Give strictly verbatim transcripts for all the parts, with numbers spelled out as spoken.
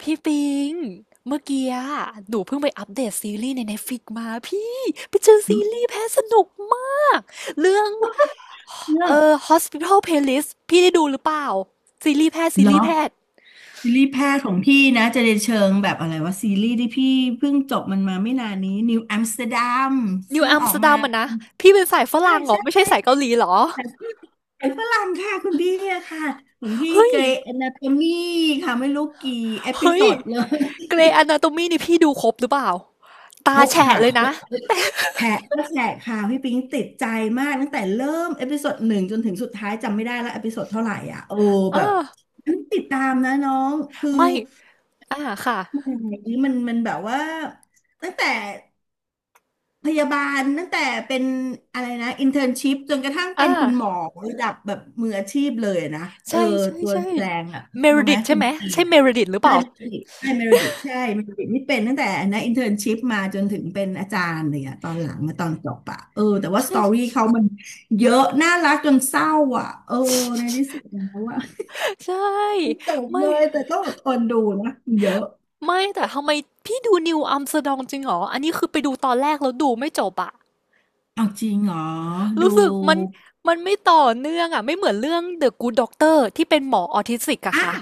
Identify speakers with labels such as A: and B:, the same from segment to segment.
A: พี่ปิงเมื่อกี้อะหนูเพิ่งไปอัปเดตซีรีส์ใน Netflix มาพี่ไปเจอซีรีส์แพ้สนุกมากเรื่อง
B: เลิ
A: เอ่
B: ก
A: อ Hospital Playlist พี่ได้ดูหรือเปล่าซีรีส์แพทย์ซี
B: เหร
A: รี
B: อ
A: ส์แพทย์
B: ซีรีส์แพทย์ของพี่นะจะในเชิงแบบอะไรว่าซีรีส์ที่พี่เพิ่งจบมันมาไม่นานนี้นิวอัมสเตอร์ดัม
A: นิว
B: ซึ่ง
A: อัม
B: ออ
A: สเต
B: ก
A: อร์
B: มา
A: ดัมอะนะพี่เป็นสายฝ
B: ใช่
A: รั่งเหรอ
B: ใช่
A: ไม่ใช่
B: ใช่
A: สาย
B: ใช่
A: เกาหลีเหรอ
B: แต่พี่ไอ่ฝรั่งค่ะคุณพี่อะค่ะของพี่
A: เฮ้
B: เก
A: ย
B: รย์อนาโตมีค่ะไม่รู้กี่เอพิ
A: เฮ้
B: โซ
A: ย
B: ดเลย
A: เกรย์อนาโตมีนี่พี่ดูครบหรือเปล่าตา
B: ครบ
A: แฉะ
B: ค่ะ
A: เล
B: ค
A: ย
B: ร
A: นะ
B: บแฉะก็แฉะค่ะพี่ปิงติดใจมากตั้งแต่เริ่มเอพิโซดหนึ่งจนถึงสุดท้ายจำไม่ได้แล้วเอพิโซดเท่าไหร่อ่ะโอ้
A: เอ
B: แบบ
A: อ
B: ติดตามนะน้องคือ
A: ไม่อ่าค่ะ
B: อันนี้มันมันแบบว่าตั้งแต่พยาบาลตั้งแต่เป็นอะไรนะอินเทอร์นชิพจนกระทั่ง
A: อ่า
B: เป็นคุณหมอระดับแบบมืออาชีพเลยนะเออ
A: ใช่ใช่
B: ตัว
A: ใช่
B: แสดงอ่ะ
A: เม
B: รู้
A: ริ
B: ไห
A: ดิ
B: ม
A: ตใช่
B: คุณ
A: ไหม
B: จีน
A: ใช่เม
B: อะ
A: ริดิตหรือเป
B: ใช่
A: ล่า
B: เมริดใช่เมริดิตใช่เมริดิตนี่เป็นตั้งแต่นะอินเทอร์นชิพมาจนถึงเป็นอาจารย์เลยอ่ะตอนหลังมาตอนจบอะเออแต่ว่าส
A: ใช่
B: ตอ
A: ใช
B: รี่
A: ่
B: เขามันเยอะน่ารักจนเศร้าอ่ะเออในที่สุดแล้วอ่ะ
A: ใช่
B: มันจบ
A: ไม่
B: เลยแต่ต้องอดทนดูนะมันเยอะ
A: ไม่แต่ทำไมพี่ดู New Amsterdam จริงเหรออันนี้คือไปดูตอนแรกแล้วดูไม่จบอะ
B: เอาจริงเหรอดู
A: รู้สึกมันมันไม่ต่อเนื่องอะไม่เหมือนเรื่อง The Good Doctor ที่เป็นหมอออทิสติกอะ
B: อ่ะ
A: ค่ะ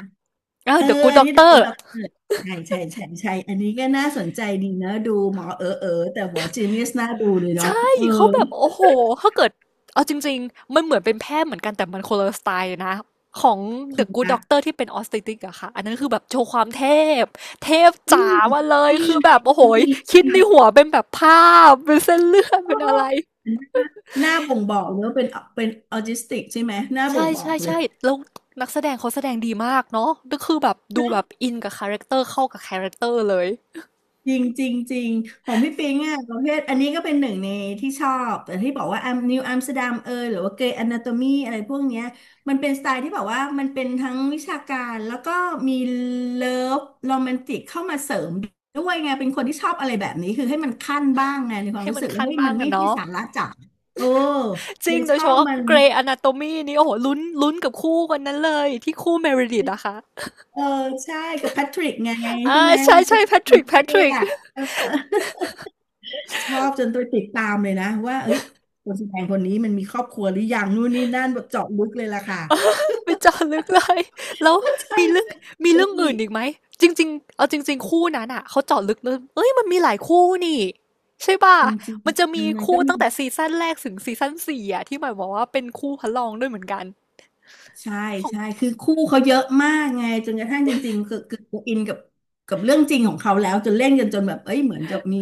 A: อ่า
B: เออ
A: The Good
B: อันนี้ดู
A: Doctor
B: เราเกิดใช่ใช่ใช่ใช่อันนี้ก็น่าสนใจดีนะดูหมอเออเออแต่หมอจีเนียสน่าดูเลยเนาะ
A: ใช่
B: เออ
A: เขาแบบโอ้โหถ้าเกิดเอาจริงๆมันเหมือนเป็นแพทย์เหมือนกันแต่มันคนละสไตล์เลยนะของ
B: ค
A: The
B: น
A: Good
B: ละ
A: Doctor ที่เป็นออส t ต t r i อะค่ะอันนั้นคือแบบโชว์ความเทพเทพ
B: อื
A: จ๋า
B: ม
A: มาเลย
B: อื
A: คื
B: ม
A: อแบบโอ้โห
B: ดี
A: คิ
B: จั
A: ดใน
B: ง
A: หัวเป็นแบบภาพเป็นเส้นเลือด
B: ๆโอ้
A: เป็นอะไร
B: หน้าบ่งบอกเลยว่าเป็นเป็นออทิสติกใช่ไหมหน้า
A: ใ
B: บ่งบอกเลย
A: ช่ๆๆแล้วนักแสดงเขาแสดงดีมากเนาะก็คือแบบดูแบบอินกับคาแรคเตอร์เข้ากับคาแรคเตอร์เลย
B: จริงจริงจริงของพี่ปิงอ่ะประเภทอันนี้ก็เป็นหนึ่งในที่ชอบแต่ที่บอกว่าอัมนิวอัมสเตอร์ดัมเอยหรือว่าเกรย์อนาโตมีอะไรพวกเนี้ยมันเป็นสไตล์ที่แบบว่ามันเป็นทั้งวิชาการแล้วก็มีเลิฟโรแมนติกเข้ามาเสริมด้วยไงเป็นคนที่ชอบอะไรแบบนี้คือให้มันขั้นบ้างไงในความ
A: ให้
B: รู้
A: มัน
B: สึกว่า
A: คัน
B: เฮ้ย
A: บ้า
B: มั
A: ง
B: นไม่
A: อะ
B: ใช่
A: เนาะ
B: สาระจ๋าโอ้
A: จ
B: เล
A: ริง
B: ย
A: โด
B: ช
A: ยเฉ
B: อบ
A: พาะ
B: มัน
A: g r e y Anatomy นี่โอ้โหลุ้นลุ้นกับคู่คนนั้นเลยที่คู่ Meredith อะค่ะ
B: เออใช่กับแพทริกไง
A: อ่า
B: ใช่ไหม
A: ใช่
B: เป็
A: ใช่
B: น
A: แพทริกแพ
B: เต้
A: ทริก
B: อะ ชอบจนตัวติดตามเลยนะว่าเอ้ยคนแสดงคนนี้มันมีครอบครัวหรือยังนู่นนี่นั่นแบบเจาะลึกเลยล่ะค่ะ
A: ไปเจาะลึกเลยแล้ว
B: ใช่
A: มีเรื่องมี
B: ไหม
A: เรื่อง
B: พี่
A: อื่นอีกไหมจริงๆเอาจริงๆคู่นั้นอ่ะเขาเจาะลึกเลยเอ้ยมันมีหลายคู่นี่ใช่ป่ะ
B: จริง
A: มันจะมี
B: ๆมัน
A: คู่
B: ก็มี
A: ตั้งแต่ซีซั่นแรกถึงซีซั่นสี่อ่ะที่หมายบอกว่าเป็นคู่พระรองด้วยเหมือนกัน
B: ใช่
A: ขอ
B: ใช่
A: ง
B: คือคู่เขาเยอะมากไงจนกระทั่งจริงๆคือคืออินกับกับเรื่องจริงของเขาแล้วจนเล่นกันจนแบบเอ้ยเหมือนจะมี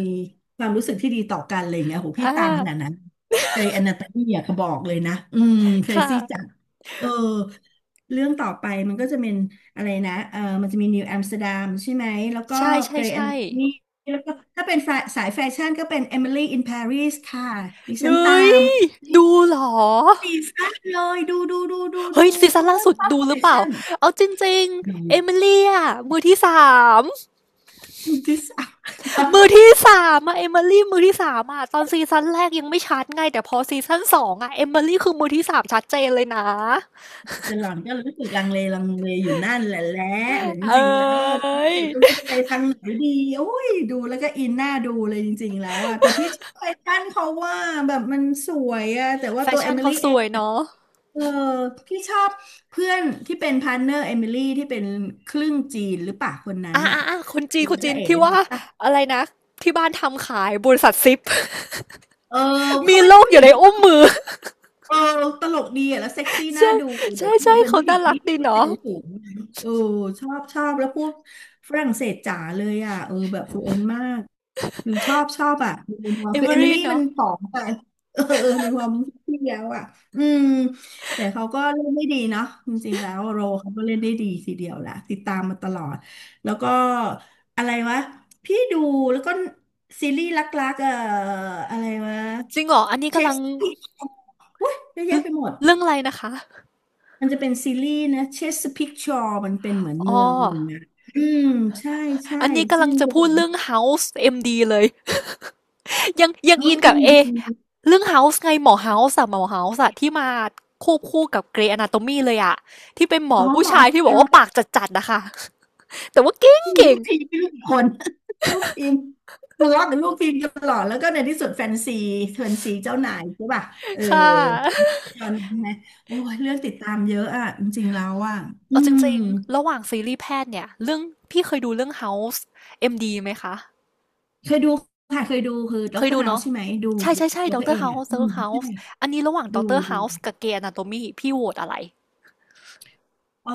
B: ความรู้สึกที่ดีต่อกันอะไรอย่างเงี้ยโห
A: อ่
B: พี่ตามขนาด
A: า
B: นั้นเกรย์อนาโตมี่อะเขาบอกเลยนะอืมเค
A: ค
B: รซี่จัด
A: ่ะ
B: เออเรื่องต่อไปมันก็จะเป็นอะไรนะเออมันจะมีนิวอัมสเตอร์ดัมใช่ไหมแล้วก็
A: ใช่ใช่
B: เกรย์อ
A: ใช่
B: นาโตมี่แล้วก็ถ้าเป็นสายสายแฟชั่นก็เป็นเอมิลี่อินปารีสค่ะดิ
A: เน
B: ฉันตา
A: ย
B: ม
A: ดูเหรอ
B: สีสั้เลยดูดูดูดู
A: เฮ้ย
B: ดู
A: ซี
B: เพ
A: ซั่น
B: ราะ
A: ล่า
B: ว่า
A: สุด
B: ชอบ
A: ดู
B: แฟ
A: หรือเปล่า
B: ชั่น
A: เอาจริง
B: ดู
A: ๆเอมิลีอะมือที่สาม
B: ดูที่สาม
A: มือที่สามอะเอมิลี่มือที่สามอะตอนซีซั่นแรกยังไม่ชัดไงแต่พอซีซั่นสองอะเอมิลี่คือมือที่สามชัดเจนเลยนะ
B: จะหล่อนก็รู้สึกลังเลลังเลอยู่นั่นแหละแหละแบบจ
A: เอ้
B: ริงๆแล้ว
A: ย
B: เดี๋ยวก็ไม่รู้จะไปทางไหนดีโอ้ยดูแล้วก็อินหน้าดูเลยจริงๆแล้วอะแต่พี่ชอบแฟชั่นเขาว่าแบบมันสวยอะแต่ว่า
A: แฟ
B: ตัวเอ
A: ชั่น
B: มิ
A: เขา
B: ลี่
A: ส
B: เอ
A: ว
B: ง
A: ยเนาะ
B: เออพี่ชอบเพื่อนที่เป็นพาร์ทเนอร์เอมิลี่ที่เป็นครึ่งจีนหรือเปล่าคนนั้น
A: อ่ะ
B: น่ะ
A: อ่ะอ่ะคนจีน
B: ดู
A: คน
B: พ
A: จี
B: ระ
A: น
B: เอก
A: ที่
B: เล
A: ว่า
B: ยป่ะ
A: อะไรนะที่บ้านทำขายบริษัทซิป
B: เออเขา
A: มี
B: เป็น
A: โลก
B: ผู้
A: อ
B: ห
A: ยู่
B: ญิง
A: ใน
B: ที่
A: อุ้มมือ
B: เออตลกดีอ่ะแล้วเซ็กซี่ น่า
A: ใช่
B: ดูเดี๋ย
A: ใช่
B: วเธ
A: ใช่
B: อเป็น
A: เขา
B: ผู้หญิ
A: น่า
B: ง
A: รั
B: ที่
A: กดี
B: ที่เซล
A: เนาะ
B: ล์สูงนะเออชอบชอบแล้วพูดฝรั่งเศสจ๋าเลยอ่ะเออแบบฟลูเอนต์มาก หรือชอบชอบอ่ะในมุมมอง
A: เอ
B: คือ
A: มิ
B: เอมิ
A: ลี่
B: ลี่มัน
A: เนาะ
B: ผอมไป เออเออในความที่แล้วอ่ะอืมแต่เขาก็เล่นได้ดีเนาะจริงๆแล้วโรเขาก็เล่นได้ดีทีเดียวแหละติดตามมาตลอดแล้วก็อะไรวะพี่ดูแล้วก็ซีรีส์รักๆเอ่ออะไรวะ
A: จริงเหรออันนี้
B: เช
A: กำลั
B: ส
A: ง
B: พิกอุ้ยเยอะ
A: เรื่
B: แยะ
A: อง
B: ไปหมด
A: เรื่องอะไรนะคะ
B: มันจะเป็นซีรีส์นะเชสพิกชอร์มันเป็นเหมือน
A: อ๋อ
B: เมืองหนึ่งนะอืมใช่ใช่
A: อันนี้กำ
B: ซึ่
A: ลัง
B: ง
A: จะ
B: เป็น
A: พูดเรื่อง House เอ็มดีเลย ยัง ยังอิ
B: House
A: นกับเอ
B: เอ็ม ดี
A: เรื่องเฮาส์ไงหมอเฮาส์อะหมอเฮาส์อะที่มาควบคู่กับเกรย์อนาโตมีเลยอะที่เป็นหมอ
B: อ๋อ
A: ผู้
B: หมอ
A: ชายที่บอก
B: เขา
A: ว่าปากจัดๆนะคะ แต่ว่าเก่ง
B: มี
A: เก่
B: ลู
A: ง
B: กทีมไม่รู้กี่คน ลูกทีมทะเลาะกับลูกทีมตลอดแล้วก็ในที่สุดแฟนซีแฟนซีเจ้านายใช่ป่ะเออ
A: ๆค่ะ
B: ตอนนั้นนะโอ้ยเรื่องติดตามเยอะอ่ะจริงๆแล้วอ่ะอื
A: เอาจ
B: ม
A: ริงๆระหว่างซีรีส์แพทย์เนี่ยเรื่องพี่เคยดูเรื่อง House เอ็ม ดี ไหมคะ
B: เคยดูค่ะเคยดูคือด็
A: เค
B: อก
A: ย
B: เตอร์
A: ดู
B: เฮา
A: เนาะ
B: ส์ใช่ไหมดู
A: ใช่
B: ดู
A: ใช่ใช่
B: ดู
A: ด็อก
B: เขา
A: เตอ
B: เอ
A: ร์
B: ง
A: เฮา
B: อ่ะ
A: ส์ด็
B: อื
A: อกเต
B: ม
A: อร์เฮา
B: ใช่
A: ส์อันนี้ระหว่างด็
B: ดู
A: อกเตอร์
B: ดู
A: เฮาส์กับเกรย์อนาโตมีพี่โหวตอะไร
B: เออ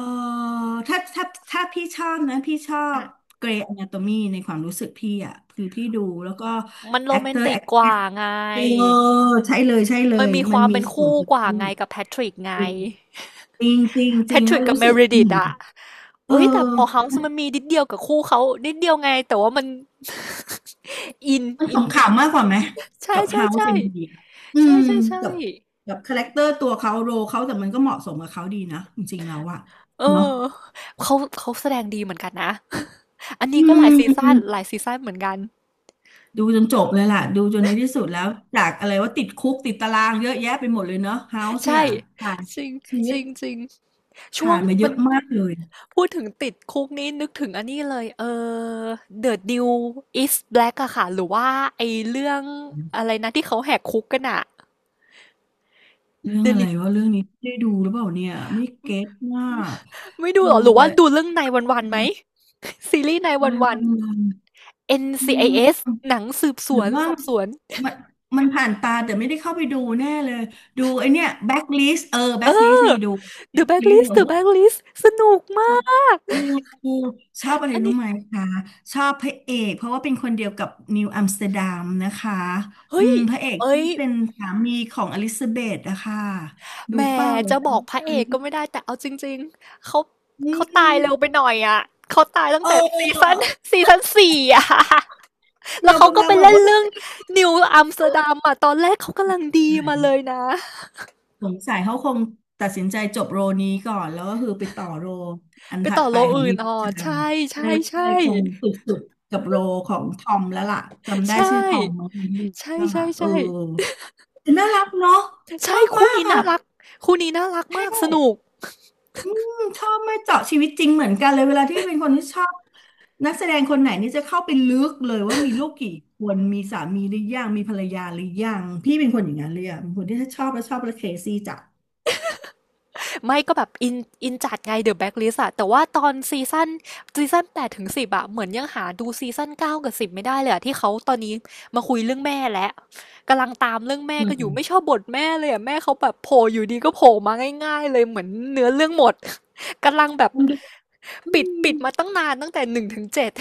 B: ถ้าถ้าถ้าพี่ชอบนะพี่ชอบ
A: อ่ะ
B: เกรย์อนาโตมีในความรู้สึกพี่อ่ะคือพี่ดูแล้วก็
A: มันโร
B: แอค
A: แม
B: เต
A: น
B: อร์
A: ติ
B: แอ
A: ก
B: ค
A: ก
B: เตอ
A: ว่า
B: ร์
A: ไง
B: ใช่เลยใช่เล
A: มัน
B: ย
A: มีค
B: มัน
A: วาม
B: มี
A: เป็น
B: ส่วน
A: คู่
B: อื่น
A: กว่า
B: ด้ว
A: ไง
B: ย
A: กับแพทริกไง
B: จริงจริงจริง
A: แพ
B: จริง
A: ท
B: แล้
A: ริ
B: ว
A: กกับ
B: รู้
A: เม
B: สึก
A: ริ
B: อื
A: ดิต
B: ม
A: อะ
B: เออ
A: เอ้ยอืแต่หมอมเฮาส์มันมีนิดเดียวกับคู่เขา นิดเดียวไงแต่ว่ามัน อิน
B: มัน
A: อิน
B: ขำๆมากกว่าไหม
A: ใช่
B: กับ
A: ใช่
B: House
A: ใช่
B: m คอะอื
A: ใช่
B: ม
A: ใช่ใช่
B: กับกับคาแรคเตอร์ตัวเขาโรเขาแต่มันก็เหมาะสมกับเขาดีนะจริงๆแล้วอะ
A: เอ
B: เนาะ
A: อเขาเขาแสดงดีเหมือนกันนะ อันนี้
B: อื
A: ก็หลายซีซั่น
B: ม
A: หลายซีซั่นเหมือนกัน
B: ดูจนจบเลยล่ะดูจนในที่สุดแล้วจากอะไรว่าติดคุกติดตารางเยอะแยะไปหมดเลยเนาะ House เนี่
A: ใช่
B: ยผ่าน
A: จริง
B: ชี
A: จ
B: วิต
A: ริงจริงช่ว
B: ผ่า
A: ง
B: นมาเย
A: มัน
B: อะมากเลย
A: พูดถึงติดคุกนี้นึกถึงอันนี้เลยเออ The New is Black อะค่ะหรือว่าไอเรื่องอะไรนะที่เขาแหกคุกกันอะ
B: เรื่อง
A: The
B: อะไร
A: New
B: ว่าเรื่องนี้ได้ดูหรือเปล่าเนี่ยไม่เก็ตมาก
A: ไม่ดูเหร
B: ดู
A: อหรือ
B: แต่
A: ว่าดูเรื่องนายวันๆไหม ซีรีส์นายวัน
B: ่
A: ๆ
B: อื
A: เอ็น ซี ไอ เอส
B: ม
A: หนังสืบส
B: หรื
A: ว
B: อ
A: น
B: ว่า
A: สอบสวน
B: มันมันผ่านตาแต่ไม่ได้เข้าไปดูแน่เลยดูไอเนี้ยแบ็คลิสเออแบ็
A: เอ
B: คลิส
A: อ
B: นี่ดูแบ็
A: The
B: คลิสเ
A: Blacklist The Blacklist สนุกมาก
B: หรอชอบเออชอบอะไร
A: อัน
B: รู้
A: นี้
B: ไหมคะชอบพระเอกเพราะว่าเป็นคนเดียวกับนิวอัมสเตอร์ดัมนะคะอื
A: เฮ้ย
B: มพระเอก
A: เอ้
B: ที่
A: ย
B: เป็นสามีของอลิซาเบธนะคะดู
A: แหม
B: เป้า
A: จะบอกพระเอกก็ไม่ได้แต่เอาจริงๆเขา
B: อื
A: เขาตายเร็วไป
B: ม
A: หน่อยอ่ะเขาตายตั้ง
B: เอ
A: แต่ซี
B: อ
A: ซัน ซีซัน สี่อ่ะ แล้
B: เรา
A: วเขา
B: กำ
A: ก็
B: ลัง
A: ไป
B: แบบ
A: เล่น
B: ว่า
A: เรื่องนิวอัมสเตอร์ดัมอ่ะตอนแรกเขากำลังดี
B: ไห
A: มาเลย
B: น
A: นะ
B: สงสัยเขาคงตัดสินใจจบโรนี้ก่อนแล้วก็คือไปต่อโรอัน
A: ไป
B: ถั
A: ต่
B: ด
A: อ
B: ไป
A: โล
B: ของ
A: อื่น
B: มิช
A: อ๋อ
B: ชั
A: ใช่
B: น
A: ใช่
B: ใช่
A: ใช่
B: ใช่คงสุดๆกับโรของทอมแล้วล่ะจำได้
A: ใช่
B: ชื่อทอมเน้ะในเรื่
A: ใช่
B: อง
A: ใช่
B: อ่ะเออ
A: ใช่
B: แต่น่ารักเนาะช
A: ใช่
B: อบ
A: คู่
B: มาก
A: นี้
B: อ่ะ
A: น่ารักคู่นี้น่ารัก
B: เท่
A: มากสนุก
B: อืมชอบไม่เจาะชีวิตจริงเหมือนกันเลยเวลาที่เป็นคนที่ชอบนักแสดงคนไหนนี่จะเข้าไปลึกเลยว่ามีลูกกี่คนมีสามีหรือยังมีภรรยาหรือยังพี่เป็นคนอย่างนั้นเลยอ่ะเป็นคนที่ถ้าชอบแล้วชอบแล้วเคซี่จ้ะ
A: ไม่ก็แบบอินอินจัดไง The Blacklist อะแต่ว่าตอนซีซั่นซีซั่นแปดถึงสิบอะเหมือนยังหาดูซีซั่นเก้ากับสิบไม่ได้เลยอะที่เขาตอนนี้มาคุยเรื่องแม่แล้วกำลังตามเรื่องแม่
B: อื
A: ก็อยู่
B: ม
A: ไม่ชอบบทแม่เลยอะแม่เขาแบบโผล่อยู่ดีก็โผล่มาง่ายๆเลยเหมือนเนื้อเรื่องหมดกำลังแบบ
B: มันดูอื
A: ปิด
B: ม
A: ปิดมาตั้งนานตั้งแต่หนึ่งถึงเจ็ด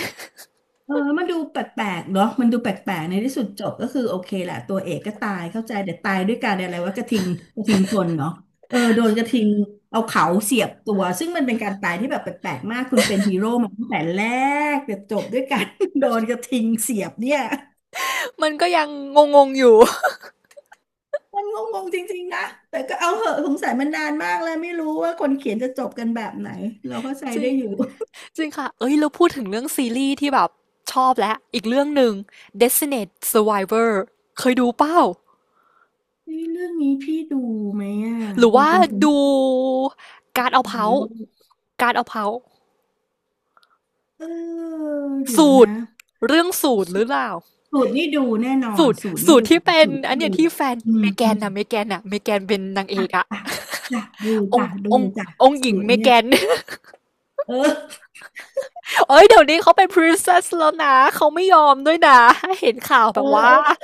B: เออมันดูแปลกๆเนาะมันดูแปลกๆในที่สุดจบก็คือโอเคแหละตัวเอกก็ตายเข้าใจแต่ตายด้วยการอะไรว่ากระทิงกระทิงชนเนาะเออโดนกระทิงเอาเขาเสียบตัวซึ่งมันเป็นการตายที่แบบแปลกๆมากคุณเป็นฮีโร่มาตั้งแต่แรกแต่จบด้วยการ โดนกระทิงเสียบเนี่ย
A: มันก็ยังงงๆอยู่
B: มันงงๆจริงๆนะแต่ก็เอาเหอะสงสัยมันนานมากแลวไม่รู้ว่าคนเขียนจะจบกันแบบไหนเราก็ใจ
A: จริ
B: ได้
A: ง
B: อยู่
A: จริงค่ะ เอ้ย เราพูดถึงเรื่องซีรีส์ที่แบบชอบแล้ว อีกเรื่องหนึ่ง Designated Survivor เคยดูเปล่า
B: เฮ้ยเรื่องนี้พี่ดูไหมอ่ะ
A: หรือ
B: คุณ
A: ว่า
B: เป็นคนท
A: ดู
B: ี่
A: การเอา
B: ดู
A: เผา
B: ไหมเว้ย
A: การเอาเผา
B: เออเดี๋ยว
A: สู
B: นะ
A: ตรเรื่องสูตรหรือเปล่า
B: สูตรนี่ดูแน่นอ
A: สู
B: น
A: ตร
B: สูตรนี่
A: สูต
B: ดู
A: รที่เป็น
B: สูตร
A: อัน
B: นี่ดู
A: เนี้ยที่แฟน
B: อืม
A: เมแก
B: อื
A: น
B: ม
A: นะเมแกนอะเมแกนเป็นนางเอ
B: จ้ะ
A: กอะ
B: จ้ะจ้ะดู
A: อง
B: จ้ะ
A: ค์
B: ดู
A: องค์
B: จ้ะ
A: องค์หญิ
B: สู
A: ง
B: ตร
A: เม
B: เนี่
A: แก
B: ย
A: น
B: เออ
A: เอ้ย เดี๋ยวนี้เขาเป็น princess แล้วนะ เขาไม่ยอมด้วยนะเห็นข่าว
B: เอ
A: แบ
B: อ
A: บว่า
B: เออ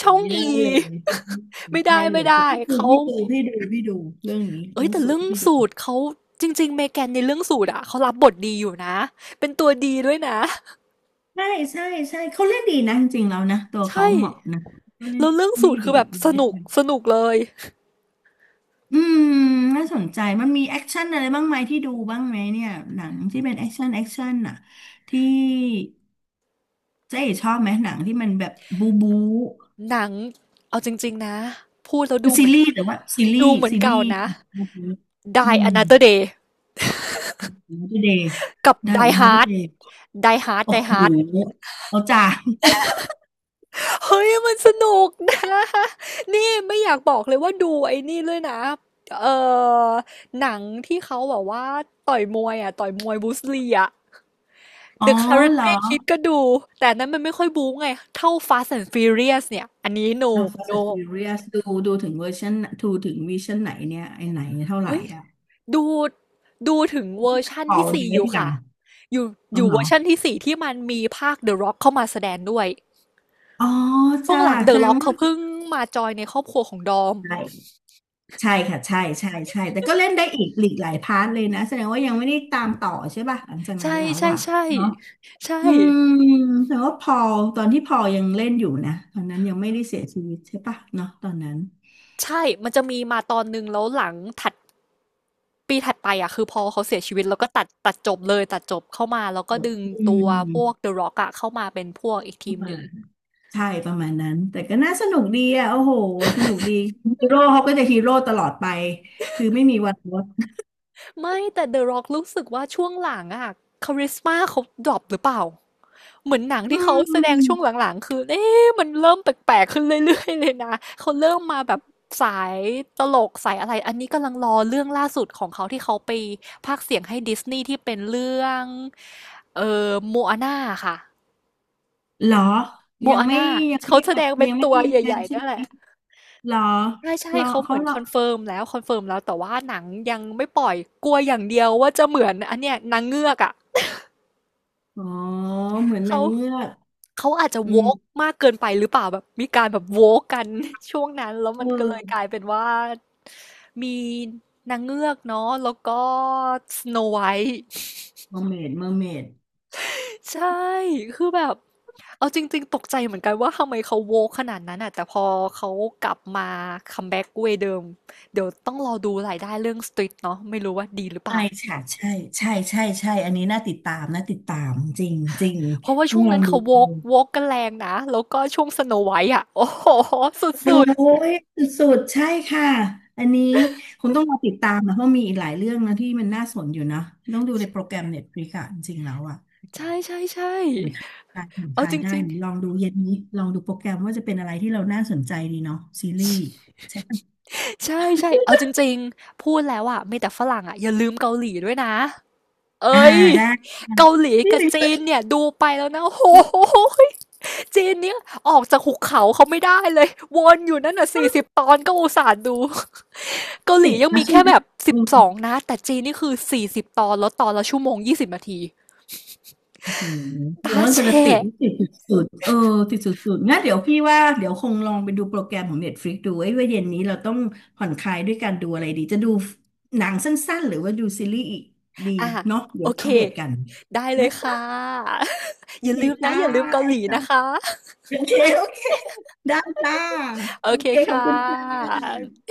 A: ช่อง
B: ไม่
A: อี
B: ได้เลย ไม่
A: ไม่ได้
B: ได้เล
A: ไม่
B: ย
A: ได้
B: แต่พี่ดู
A: เขา
B: พี่ดูพี่ดูพี่ดูเรื่องนี้
A: เอ้
B: เรื่
A: ย
B: อง
A: แต่
B: สู
A: เรื่
B: ตร
A: อง
B: พี่ดู
A: สูตรเขาจริงๆเมแกนในเรื่องสูตรอะเขารับบทดีอยู่นะเป็นตัวดีด้วยนะ
B: ใช่ใช่ใช่เขาเล่นดีนะจริงๆแล้วนะตัวเขา
A: ใช่
B: เหมาะนะเขาเล่น
A: แล้วเรื่อง
B: ได้
A: สูตรคื
B: ดี
A: อแบบส
B: รูได้
A: นุกสนุกเลย
B: อืมน่าสนใจมันมีแอคชั่นอะไรบ้างไหมที่ดูบ้างไหมเนี่ยหนังที่เป็นแอคชั่นแอคชั่นน่ะที่ เจ๊ชอบไหมหนังที่มันแบบบูบู
A: หนังเอาจริงๆนะพูดแล้ว
B: ค็
A: ดูเห
B: ซี
A: มือน
B: รีส์แต่ว่าซีรี
A: ดู
B: ส์
A: เหมือน
B: ซีรี
A: เก่า
B: ส์
A: นะ
B: บูบูอื
A: Die
B: ม
A: Another Day
B: ไม่ได้เดย์
A: กับ
B: ได้
A: Die
B: ไม่ได้
A: Hard
B: เดย์
A: Die Hard
B: โอ้
A: Die
B: โห
A: Hard
B: เอาจ้า
A: เฮ้ยมันสนุกนะนี่ไม่อยากบอกเลยว่าดูไอ้นี่เลยนะเอ่อหนังที่เขาแบบว่าต่อยมวยอ่ะต่อยมวยบรูสลีอ่ะ
B: อ๋อ
A: The
B: เหรอ
A: Karate Kid ก็ดู แต่อันนั้นมันไม่ค่อยบู๊ไง เท่า Fast and Furious เนี่ย อันนี้ no
B: เอา Fast
A: no
B: and Furious ดูดูถึงเวอร์ชันดูถึงวิชั่นไหนเนี่ยไอไหนเท่าไหร่
A: เอ้ย
B: อ่ะ
A: ดูดูถึงเวอร์ชั่น
B: พอ
A: ที่
B: เดท
A: สี่อยู่
B: อย่าง
A: ค่ะอยู่
B: อ๋อ
A: อยู่
B: เหร
A: เว
B: อ
A: อร์ชั่นที่สี่ที่มันมีภาค The Rock เข้ามาแสดงด้วย
B: อ๋อ
A: ช่ว
B: จ้า
A: งหลัง The
B: แสดง
A: Rock
B: ว่า
A: เขาเพิ่งมาจอยในครอบครัวของดอม
B: ใช่ใช่ค่ะใช่ใช่ใช่แต่ก็เล่นได้อีกหลีกหลายพาร์ทเลยนะแสดงว่ายังไม่ได้ตามต่อใช่ป่ะหลังจากนั้น
A: ใช่
B: แล้ว
A: ใช่
B: อ่ะ
A: ใช่
B: เนาะ
A: ใช่
B: อืมแต่ว่าพอลตอนที่พอลยังเล่นอยู่นะตอนนั้นยังไม่ได้เสียชีวิตใช่ปะเนาะตอนนั้น
A: ใช่ มันจะมีมาตอนหนึ่งแล้วหลังถัด ปีถัดไปอะคือพอเขาเสียชีวิตแล้วก็ตัดตัดจบเลยตัดจบเข้ามาแล้วก็ดึง
B: อื
A: ตัวพวก
B: ม
A: The Rock อะเข้ามาเป็นพวกอีก
B: ป
A: ที
B: ระ
A: มห
B: มา
A: นึ่ง
B: ณใช่ประมาณนั้นแต่ก็น่าสนุกดีอ่ะโอ้โหสนุกดีฮีโร่เขาก็จะฮีโร่ตลอดไปคือไม่มีวันลด
A: ไม่แต่ The Rock รู้สึกว่าช่วงหลังอะคาริสมาเขาดรอปหรือเปล่าเหมือนหนัง
B: อื
A: ที่เขาแสดงช่วง
B: ม
A: หลังๆคือเอ๊ะมันเริ่มแปลกๆขึ้นเรื่อยๆเลยนะเขาเริ่มมาแบบสายตลกสายอะไรอันนี้กำลังรอเรื่องล่าสุดของเขาที่เขาไปพากย์เสียงให้ดิสนีย์ที่เป็นเรื่องเอ่อโมอาน่าค่ะ
B: เหรอ
A: โม
B: ยัง
A: อา
B: ไม่
A: น่า
B: ยังไม่
A: เขาแสดงเป็น
B: ยังไม่
A: ตัว
B: ได้ยัง
A: ให
B: ไงาน
A: ญ่ๆ
B: ใช่
A: นั่
B: ไหม
A: นแหละ
B: เหรอ
A: ใช่
B: เหรอ
A: ๆเขาเห
B: เขา
A: มือน
B: เหรอ
A: คอนเฟิร์มแล้วคอนเฟิร์มแล้วแต่ว่าหนังยังไม่ปล่อยกลัวอย่างเดียวว่าจะเหมือนอันเนี้ยนางเงือกอะ
B: อ๋อเหมือนนา
A: เขา
B: งเงือก
A: เขาอาจจะ
B: อืม
A: woke มากเกินไปหรือเปล่าแบบมีการแบบ woke กัน ช่วงนั้นแล้ว
B: เ
A: มันก็เลยก
B: ออ
A: ลายเป็นว่ามีนางเงือกเนาะแล้วก็ Snow White
B: เมอร์เมดเมอร์เมด
A: ใช่ คือแบบ เอาจริงๆตกใจเหมือนกันว่าทำไมเขาโวขนาดนั้นอ่ะแต่พอเขากลับมาคัมแบ็กเวย์เดิม เดี๋ยวต้องรอดูรายได้เรื่องสตรีทเนาะไม่รู้ว่าดีหรือเป
B: ใช่
A: ล่า
B: ค่ะใช่ใช่ใช่ใช่ อันนี้น่าติดตามน่าติดตามจริงจริง
A: เพราะว่า
B: ต้อ
A: ช่ว
B: ง
A: ง
B: ลอ
A: นั้
B: ง
A: น
B: ดู
A: เขาโวกโวกกันแรงนะ แล้วก็ช่วงสโนไวท์อ่ะ โอ้โหสุด
B: โอ้ยสุดๆใช่ค่ะอันนี้คงต้องมาติดตามนะเพราะมีอีกหลายเรื่องนะที่มันน่าสนอยู่นะต้องดูในโปรแกรมเน็ตฟลิกอะจริงๆแล้วอะ
A: ๆ ใช่ใช่ใช่
B: ผ่อนคลายผ่อนค
A: เอา
B: ลา
A: จ
B: ยได้
A: ริง
B: ลองดูเย็นนี้ลองดูโปรแกรมว่าจะเป็นอะไรที่เราน่าสนใจดีเนาะซีรีส์ใช่ปะ
A: ๆใช่ใช่เอาจริงๆพูดแล้วอ่ะมีแต่ฝรั่งอ่ะอย่าลืมเกาหลีด้วยนะ
B: อ่า
A: เอ้ย
B: ได้ค่ะ
A: เกาหลี
B: นี่
A: กับ
B: เลย
A: จีนเนี่ยดูไปแล้วนะโอ้โหยจีนเนี่ยออกจากหุบเขาเขาไม่ได้เลยวนอยู่นั่นน่ะสี่สิบตอนก็อุตส่าห์ดูเกาหลี
B: ติด
A: ยัง
B: นะ
A: มี
B: ใช่
A: แค่
B: ไหม
A: แบบสิบสองนะแต่จีนนี่คือสี่สิบตอนแล้วตอนละชั่วโมงยี่สิบนาที
B: โอ้โหแล้
A: ตา
B: วมัน
A: แฉ
B: เป็นติด
A: ะ
B: ติดสุดๆเออติดสุดๆงั้นเดี๋ยวพี่ว่าเดี๋ยวคงลองไปดูโปรแกรมของ เน็ตฟลิกซ์ ดูไอ้ยว่าเย็นนี้เราต้องผ่อนคลายด้วยการดูอะไรดีจะดูหนังสั้นๆหรือว่าดูซีรีส์อีกดี
A: อ่ะ
B: เนาะเดี๋ย
A: โอ
B: วมา
A: เค
B: อัปเดตกัน
A: ได้เล
B: นะ
A: ยค่ะ
B: จ๊ะโอ
A: อย่า
B: เค
A: ลืมนะ
B: จ้า
A: อย่าลืมเกาหลี
B: จ้า
A: นะคะ
B: โอเคโอเคได้จ้า
A: โอ
B: โอ
A: เค
B: เคขอ
A: ค่
B: บคุณจ้า
A: ะ